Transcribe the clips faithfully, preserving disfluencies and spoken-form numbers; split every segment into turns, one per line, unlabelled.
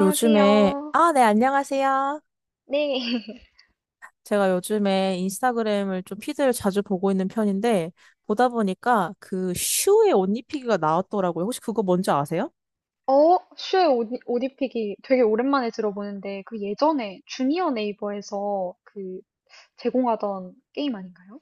요즘에, 아, 네, 안녕하세요.
네.
제가 요즘에 인스타그램을 좀 피드를 자주 보고 있는 편인데, 보다 보니까 그 슈의 옷 입히기가 나왔더라고요. 혹시 그거 뭔지 아세요?
어, 슈의 옷, 옷 입히기 되게 오랜만에 들어보는데, 그 예전에 주니어 네이버에서 그 제공하던 게임 아닌가요?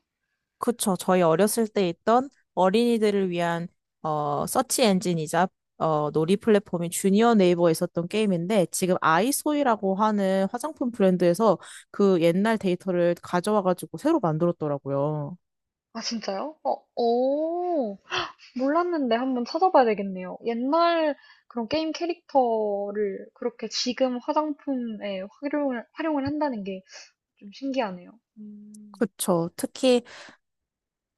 그쵸. 저희 어렸을 때 있던 어린이들을 위한, 어, 서치 엔진이자, 어, 놀이 플랫폼인 주니어 네이버에 있었던 게임인데, 지금 아이소이라고 하는 화장품 브랜드에서 그 옛날 데이터를 가져와가지고 새로 만들었더라고요.
아, 진짜요? 어, 오, 몰랐는데 한번 찾아봐야 되겠네요. 옛날 그런 게임 캐릭터를 그렇게 지금 화장품에 활용을, 활용을 한다는 게 좀 신기하네요. 음,
그쵸. 특히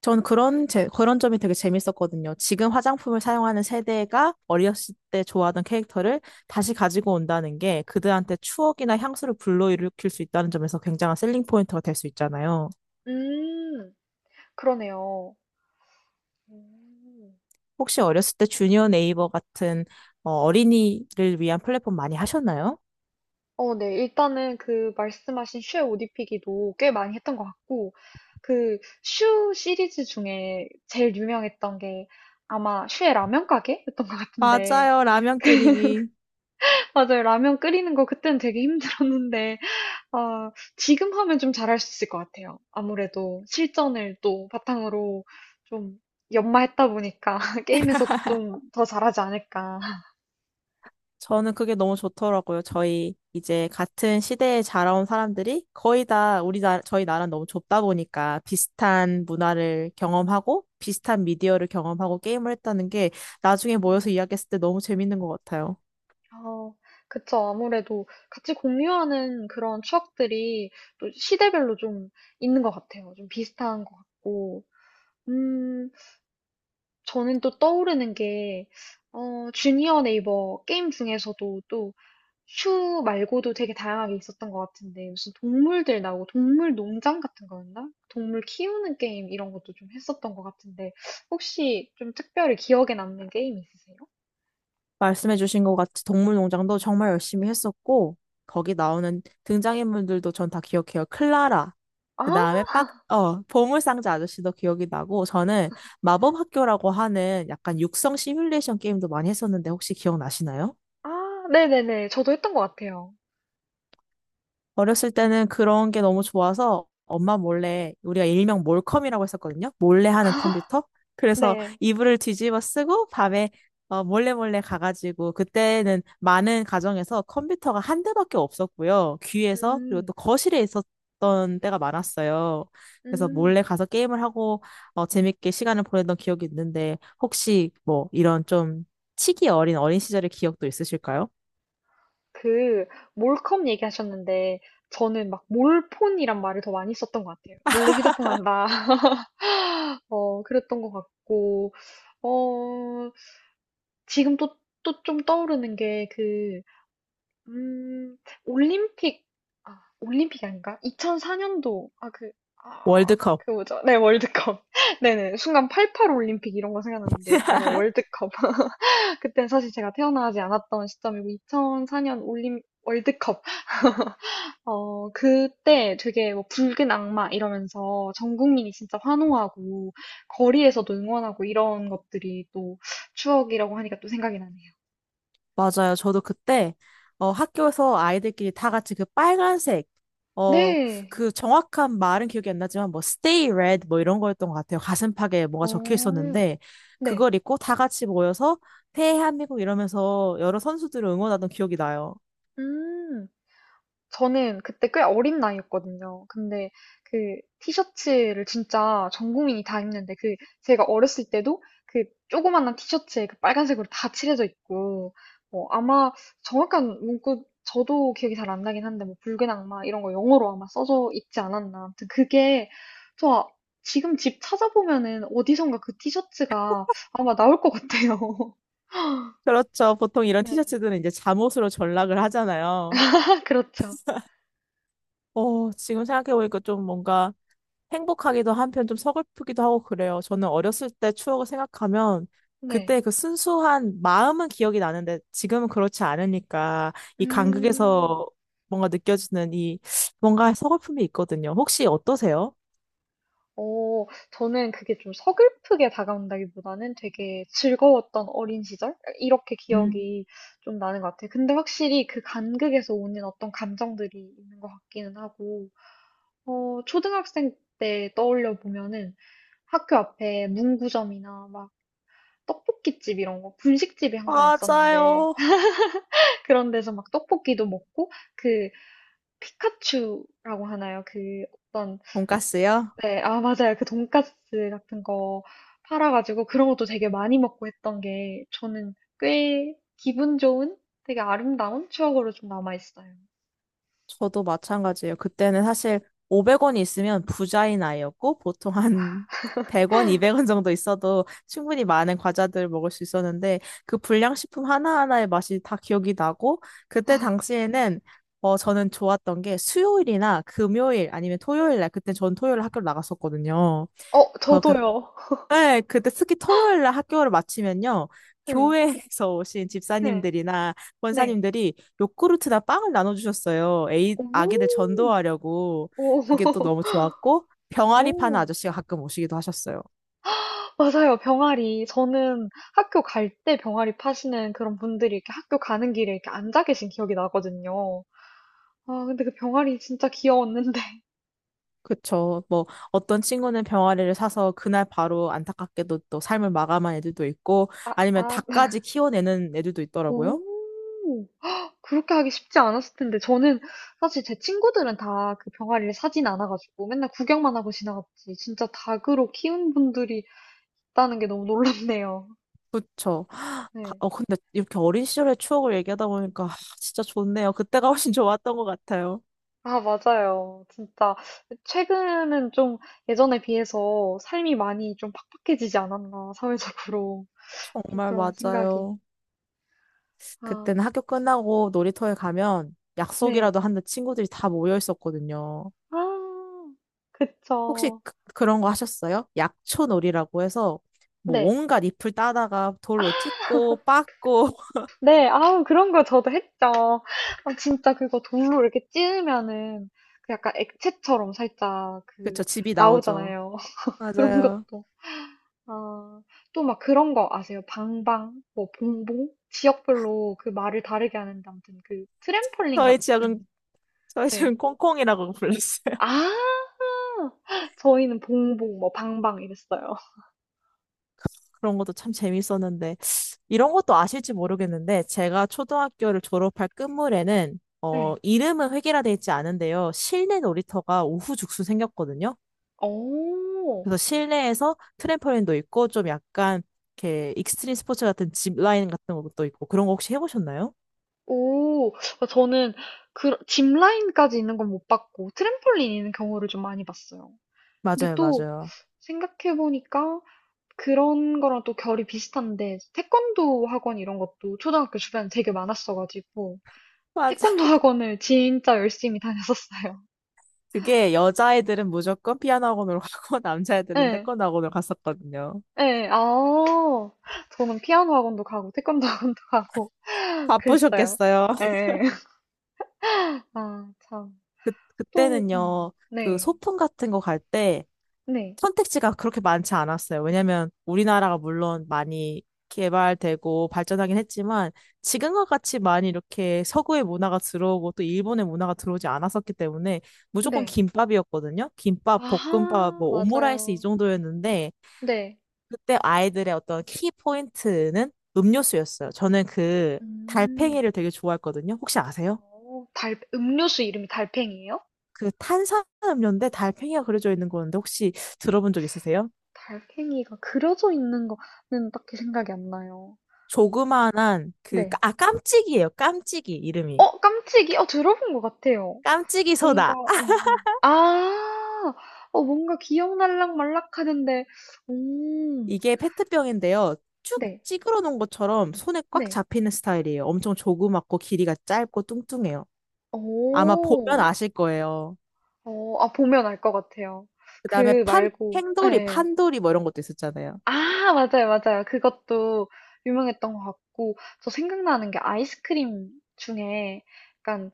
전 그런 제, 그런 점이 되게 재밌었거든요. 지금 화장품을 사용하는 세대가 어렸을 때 좋아하던 캐릭터를 다시 가지고 온다는 게 그들한테 추억이나 향수를 불러일으킬 수 있다는 점에서 굉장한 셀링 포인트가 될 수 있잖아요.
음, 그러네요. 오.
혹시 어렸을 때 주니어 네이버 같은 어, 어린이를 위한 플랫폼 많이 하셨나요?
어, 네. 일단은 그 말씀하신 슈의 옷 입히기도 꽤 많이 했던 것 같고 그 슈 시리즈 중에 제일 유명했던 게 아마 슈의 라면 가게였던 것 같은데
맞아요. 라면 끓이기.
맞아요. 라면 끓이는 거 그때는 되게 힘들었는데 아 지금 하면 좀 잘할 수 있을 것 같아요. 아무래도 실전을 또 바탕으로 좀 연마했다 보니까 게임에서도 좀 더 잘하지 않을까.
저는 그게 너무 좋더라고요. 저희 이제 같은 시대에 자라온 사람들이 거의 다 우리 나라, 저희 나라는 너무 좁다 보니까 비슷한 문화를 경험하고 비슷한 미디어를 경험하고 게임을 했다는 게 나중에 모여서
음.
이야기했을 때 너무 재밌는 것 같아요.
어, 그쵸. 아무래도 같이 공유하는 그런 추억들이 또 시대별로 좀 있는 것 같아요. 좀 비슷한 것 같고. 음, 저는 또 떠오르는 게, 어, 주니어 네이버 게임 중에서도 또 슈 말고도 되게 다양하게 있었던 것 같은데, 무슨 동물들 나오고 동물 농장 같은 거였나? 동물 키우는 게임 이런 것도 좀 했었던 것 같은데, 혹시 좀 특별히 기억에 남는 게임 있으세요?
말씀해주신 것 같이 동물농장도 정말 열심히 했었고, 거기 나오는 등장인물들도 전 다 기억해요. 클라라, 그
아,
다음에 빡, 어, 보물상자 아저씨도 기억이 나고, 저는 마법학교라고 하는 약간 육성 시뮬레이션 게임도 많이 했었는데 혹시 기억나시나요?
아, 네네네. 저도 했던 것 같아요.
어렸을 때는 그런 게 너무 좋아서 엄마 몰래 우리가 일명 몰컴이라고 했었거든요. 몰래 하는 컴퓨터. 그래서
네.
이불을 뒤집어 쓰고 밤에 어, 몰래 몰래 가가지고 그때는 많은 가정에서 컴퓨터가 한 대밖에 없었고요. 귀에서 그리고
음.
또 거실에 있었던 때가 많았어요. 그래서 몰래
음.
가서 게임을 하고 어, 재밌게 시간을 보내던 기억이 있는데 혹시 뭐 이런 좀 치기 어린 어린 시절의 기억도 있으실까요?
그 몰컴 얘기하셨는데 저는 막 몰폰이란 말을 더 많이 썼던 것 같아요. 몰래 휴대폰 한다. 어, 그랬던 것 같고, 어, 지금 또, 또 좀 떠오르는 게 그, 음, 올림픽, 아, 올림픽이 아닌가? 이천사 년도, 아, 그, 아,
월드컵.
그 뭐죠? 네, 월드컵. 네네. 순간 팔팔 올림픽 이런 거 생각났는데, 맞아요. 월드컵. 그때 사실 제가 태어나지 않았던 시점이고 이천사 년 올림 월드컵 어 그때 되게 뭐 붉은 악마 이러면서 전 국민이 진짜 환호하고 거리에서도 응원하고 이런 것들이 또 추억이라고 하니까 또 생각이 나네요.
맞아요. 저도 그때 어, 학교에서 아이들끼리 다 같이 그 빨간색 어,
네.
그 정확한 말은 기억이 안 나지만 뭐 stay red 뭐 이런 거였던 것 같아요. 가슴팍에 뭐가 적혀
어,
있었는데
네.
그걸 입고 다 같이 모여서 대한민국 이러면서 여러 선수들을 응원하던 기억이 나요.
음. 저는 그때 꽤 어린 나이였거든요. 근데 그 티셔츠를 진짜 전 국민이 다 입는데 그 제가 어렸을 때도 그 조그만한 티셔츠에 그 빨간색으로 다 칠해져 있고 뭐 아마 정확한 문구 저도 기억이 잘 안 나긴 한데 뭐 붉은 악마 이런 거 영어로 아마 써져 있지 않았나. 아무튼 그게 저 아- 지금 집 찾아보면은 어디선가 그 티셔츠가 아마 나올 것 같아요.
그렇죠. 보통 이런
네.
티셔츠들은 이제 잠옷으로 전락을 하잖아요.
그렇죠.
어, 지금 생각해보니까 좀 뭔가 행복하기도 한편 좀 서글프기도 하고 그래요. 저는 어렸을 때 추억을 생각하면
네.
그때 그 순수한 마음은 기억이 나는데 지금은 그렇지 않으니까 이
음.
간극에서 뭔가 느껴지는 이 뭔가 서글픔이 있거든요. 혹시 어떠세요?
어, 저는 그게 좀 서글프게 다가온다기보다는 되게 즐거웠던 어린 시절? 이렇게
음.
기억이 좀 나는 것 같아요. 근데 확실히 그 간극에서 오는 어떤 감정들이 있는 것 같기는 하고, 어, 초등학생 때 떠올려 보면은 학교 앞에 문구점이나 막 떡볶이집 이런 거, 분식집이 항상 있었는데,
맞아요.
그런 데서 막 떡볶이도 먹고, 그 피카츄라고 하나요? 그 어떤
돈가스요?
네, 아, 맞아요. 그 돈까스 같은 거 팔아가지고 그런 것도 되게 많이 먹고 했던 게 저는 꽤 기분 좋은 되게 아름다운 추억으로 좀 남아있어요.
저도 마찬가지예요. 그때는 사실 오백 원이 있으면 부자인 아이였고 보통 한 백 원, 이백 원 정도 있어도 충분히 많은 과자들을 먹을 수 있었는데 그 불량식품 하나하나의 맛이 다 기억이 나고 그때 당시에는 어, 저는 좋았던 게 수요일이나 금요일 아니면 토요일 날 그때 전 토요일 학교를 나갔었거든요.
어,
그렇게
저도요.
네, 그때 특히 토요일 날 학교를 마치면요.
네,
교회에서 오신
네,
집사님들이나
네.
권사님들이 요구르트나 빵을 나눠주셨어요. 에이,
오,
아기들 전도하려고.
오,
그게 또 너무 좋았고, 병아리 파는
오,
아저씨가 가끔 오시기도 하셨어요.
맞아요. 병아리. 저는 학교 갈 때 병아리 파시는 그런 분들이 이렇게 학교 가는 길에 이렇게 앉아 계신 기억이 나거든요. 아, 근데 그 병아리 진짜 귀여웠는데.
그쵸. 뭐, 어떤 친구는 병아리를 사서 그날 바로 안타깝게도 또 삶을 마감한 애들도 있고,
아,
아니면
아,
닭까지 키워내는 애들도 있더라고요.
오. 그렇게 하기 쉽지 않았을 텐데 저는 사실 제 친구들은 다 그 병아리를 사진 않아 가지고 맨날 구경만 하고 지나갔지 진짜 닭으로 키운 분들이 있다는 게 너무 놀랍네요.
그쵸.
네.
어, 근데 이렇게 어린 시절의 추억을 얘기하다 보니까 아, 진짜 좋네요. 그때가 훨씬 좋았던 것 같아요.
아 맞아요. 진짜 최근은 좀 예전에 비해서 삶이 많이 좀 팍팍해지지 않았나 사회적으로. 좀
정말
그런 생각이.
맞아요.
아.
그때는 학교 끝나고 놀이터에 가면
네.
약속이라도 하는 친구들이 다 모여 있었거든요.
아.
혹시
그쵸.
그, 그런 거 하셨어요? 약초놀이라고 해서 뭐
네.
온갖 잎을 따다가 돌로 찍고 빻고
네. 아우 그런 거 저도 했죠. 아 진짜 그거 돌로 이렇게 찌르면은 그 약간 액체처럼 살짝 그
그쵸, 집이 나오죠.
나오잖아요. 그런
맞아요.
것도. 아. 또 막 그런 거 아세요? 방방, 뭐 봉봉? 지역별로 그 말을 다르게 하는데 아무튼 그 트램폴린
저희 지역은
같은
저희
네.
지역은 콩콩이라고 불렀어요.
아. 저희는 봉봉 뭐 방방 이랬어요.
그런 것도 참 재밌었는데, 이런 것도 아실지 모르겠는데, 제가 초등학교를 졸업할 끝물에는, 어,
네.
이름은 획일화돼 있지 않은데요. 실내 놀이터가 우후죽순 생겼거든요.
오.
그래서 실내에서 트램펄린도 있고, 좀 약간, 이렇게 익스트림 스포츠 같은 짚라인 같은 것도 있고, 그런 거 혹시 해보셨나요?
오. 어 저는 그 짚라인까지 있는 건 못 봤고 트램폴린 있는 경우를 좀 많이 봤어요. 근데
맞아요,
또
맞아요.
생각해 보니까 그런 거랑 또 결이 비슷한데 태권도 학원 이런 것도 초등학교 주변에 되게 많았어 가지고
맞아.
태권도 학원을 진짜 열심히 다녔었어요.
그게 여자애들은 무조건 피아노 학원으로 가고, 남자애들은
네,
태권도 학원으로 갔었거든요.
네, 아. 저는 피아노 학원도 가고 태권도 학원도 가고 그랬어요.
바쁘셨겠어요.
네, 아 참.
그,
또 음.
그때는요, 그
네.
소풍 같은 거 갈 때,
네.
선택지가 그렇게 많지 않았어요. 왜냐면 우리나라가 물론 많이 개발되고 발전하긴 했지만 지금과 같이 많이 이렇게 서구의 문화가 들어오고 또 일본의 문화가 들어오지 않았었기 때문에 무조건
네.
김밥이었거든요. 김밥, 볶음밥,
아하,
뭐 오므라이스 이
맞아요.
정도였는데
네.
그때 아이들의 어떤 키 포인트는 음료수였어요. 저는 그
음.
달팽이를 되게 좋아했거든요. 혹시 아세요?
어, 달, 음료수 이름이 달팽이에요?
그 탄산음료인데 달팽이가 그려져 있는 건데 혹시 들어본 적 있으세요?
달팽이가 그려져 있는 거는 딱히 생각이 안 나요.
조그만한 그,
네.
아, 깜찍이에요. 깜찍이, 이름이.
어, 깜찍이? 어, 들어본 것 같아요.
깜찍이
뭔가,
소다. 아!
어, 어. 아, 어, 뭔가 기억날락 말락 하는데, 음,
이게 페트병인데요. 쭉
네,
찌그러 놓은 것처럼 손에 꽉
네.
잡히는 스타일이에요. 엄청 조그맣고 길이가 짧고 뚱뚱해요. 아마 보면
오,
아실 거예요.
어, 아, 보면 알 것 같아요.
그 다음에
그
판,
말고,
행돌이,
예.
판돌이 뭐 이런 것도 있었잖아요.
아, 맞아요, 맞아요. 그것도 유명했던 것 같고, 저 생각나는 게 아이스크림 중에 약간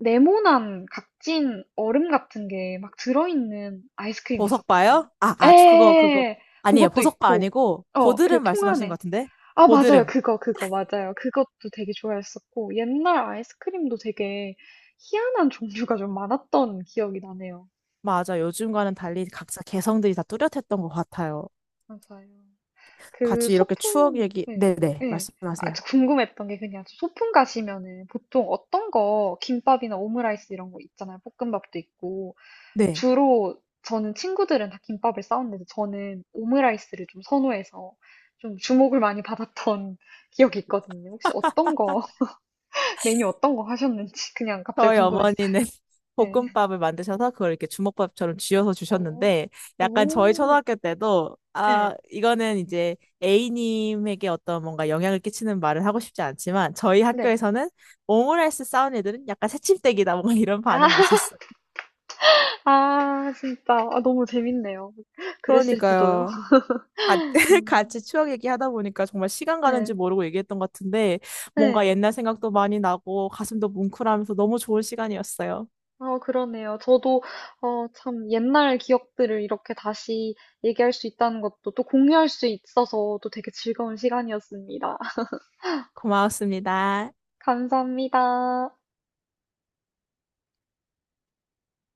네모난 각진 얼음 같은 게 막 들어있는 아이스크림 있었거든요.
보석바요? 아, 아, 저 그거, 그거.
에,
아니에요.
그것도
보석바
있고,
아니고,
어, 그
고드름
통
말씀하신 것
안에.
같은데?
아, 맞아요.
고드름.
그거, 그거, 맞아요. 그것도 되게 좋아했었고, 옛날 아이스크림도 되게 희한한 종류가 좀 많았던 기억이 나네요.
맞아. 요즘과는 달리 각자 개성들이 다 뚜렷했던 것 같아요.
맞아요. 그
같이 이렇게 추억
소풍
얘기,
네.
네네,
예. 아
말씀하세요.
저 궁금했던 게 그냥 소풍 가시면은 보통 어떤 거 김밥이나 오므라이스 이런 거 있잖아요. 볶음밥도 있고.
네.
주로 저는 친구들은 다 김밥을 싸왔는데 저는 오므라이스를 좀 선호해서 좀 주목을 많이 받았던 기억이 있거든요. 혹시 어떤 거 메뉴 어떤 거 하셨는지 그냥 갑자기
저희
궁금했어요.
어머니는
네.
볶음밥을 만드셔서 그걸 이렇게 주먹밥처럼 쥐어서
오
주셨는데 약간 저희
오.
초등학교 때도 아
예.
이거는 이제 에이 님에게 어떤 뭔가 영향을 끼치는 말을 하고 싶지 않지만 저희
네.
학교에서는 오므라이스 싸운 애들은 약간 새침대기다 뭔가 이런
아.
반응이 있었어요.
아 진짜. 아 너무 재밌네요. 그랬을지도요.
그러니까요. 같-
음.
같이 추억 얘기하다 보니까 정말 시간 가는지
네.
모르고 얘기했던 것 같은데 뭔가
네.
옛날 생각도 많이 나고 가슴도 뭉클하면서 너무 좋은 시간이었어요.
아, 그러네요. 저도, 어, 참, 옛날 기억들을 이렇게 다시 얘기할 수 있다는 것도 또 공유할 수 있어서 또 되게 즐거운 시간이었습니다.
고마웠습니다.
감사합니다.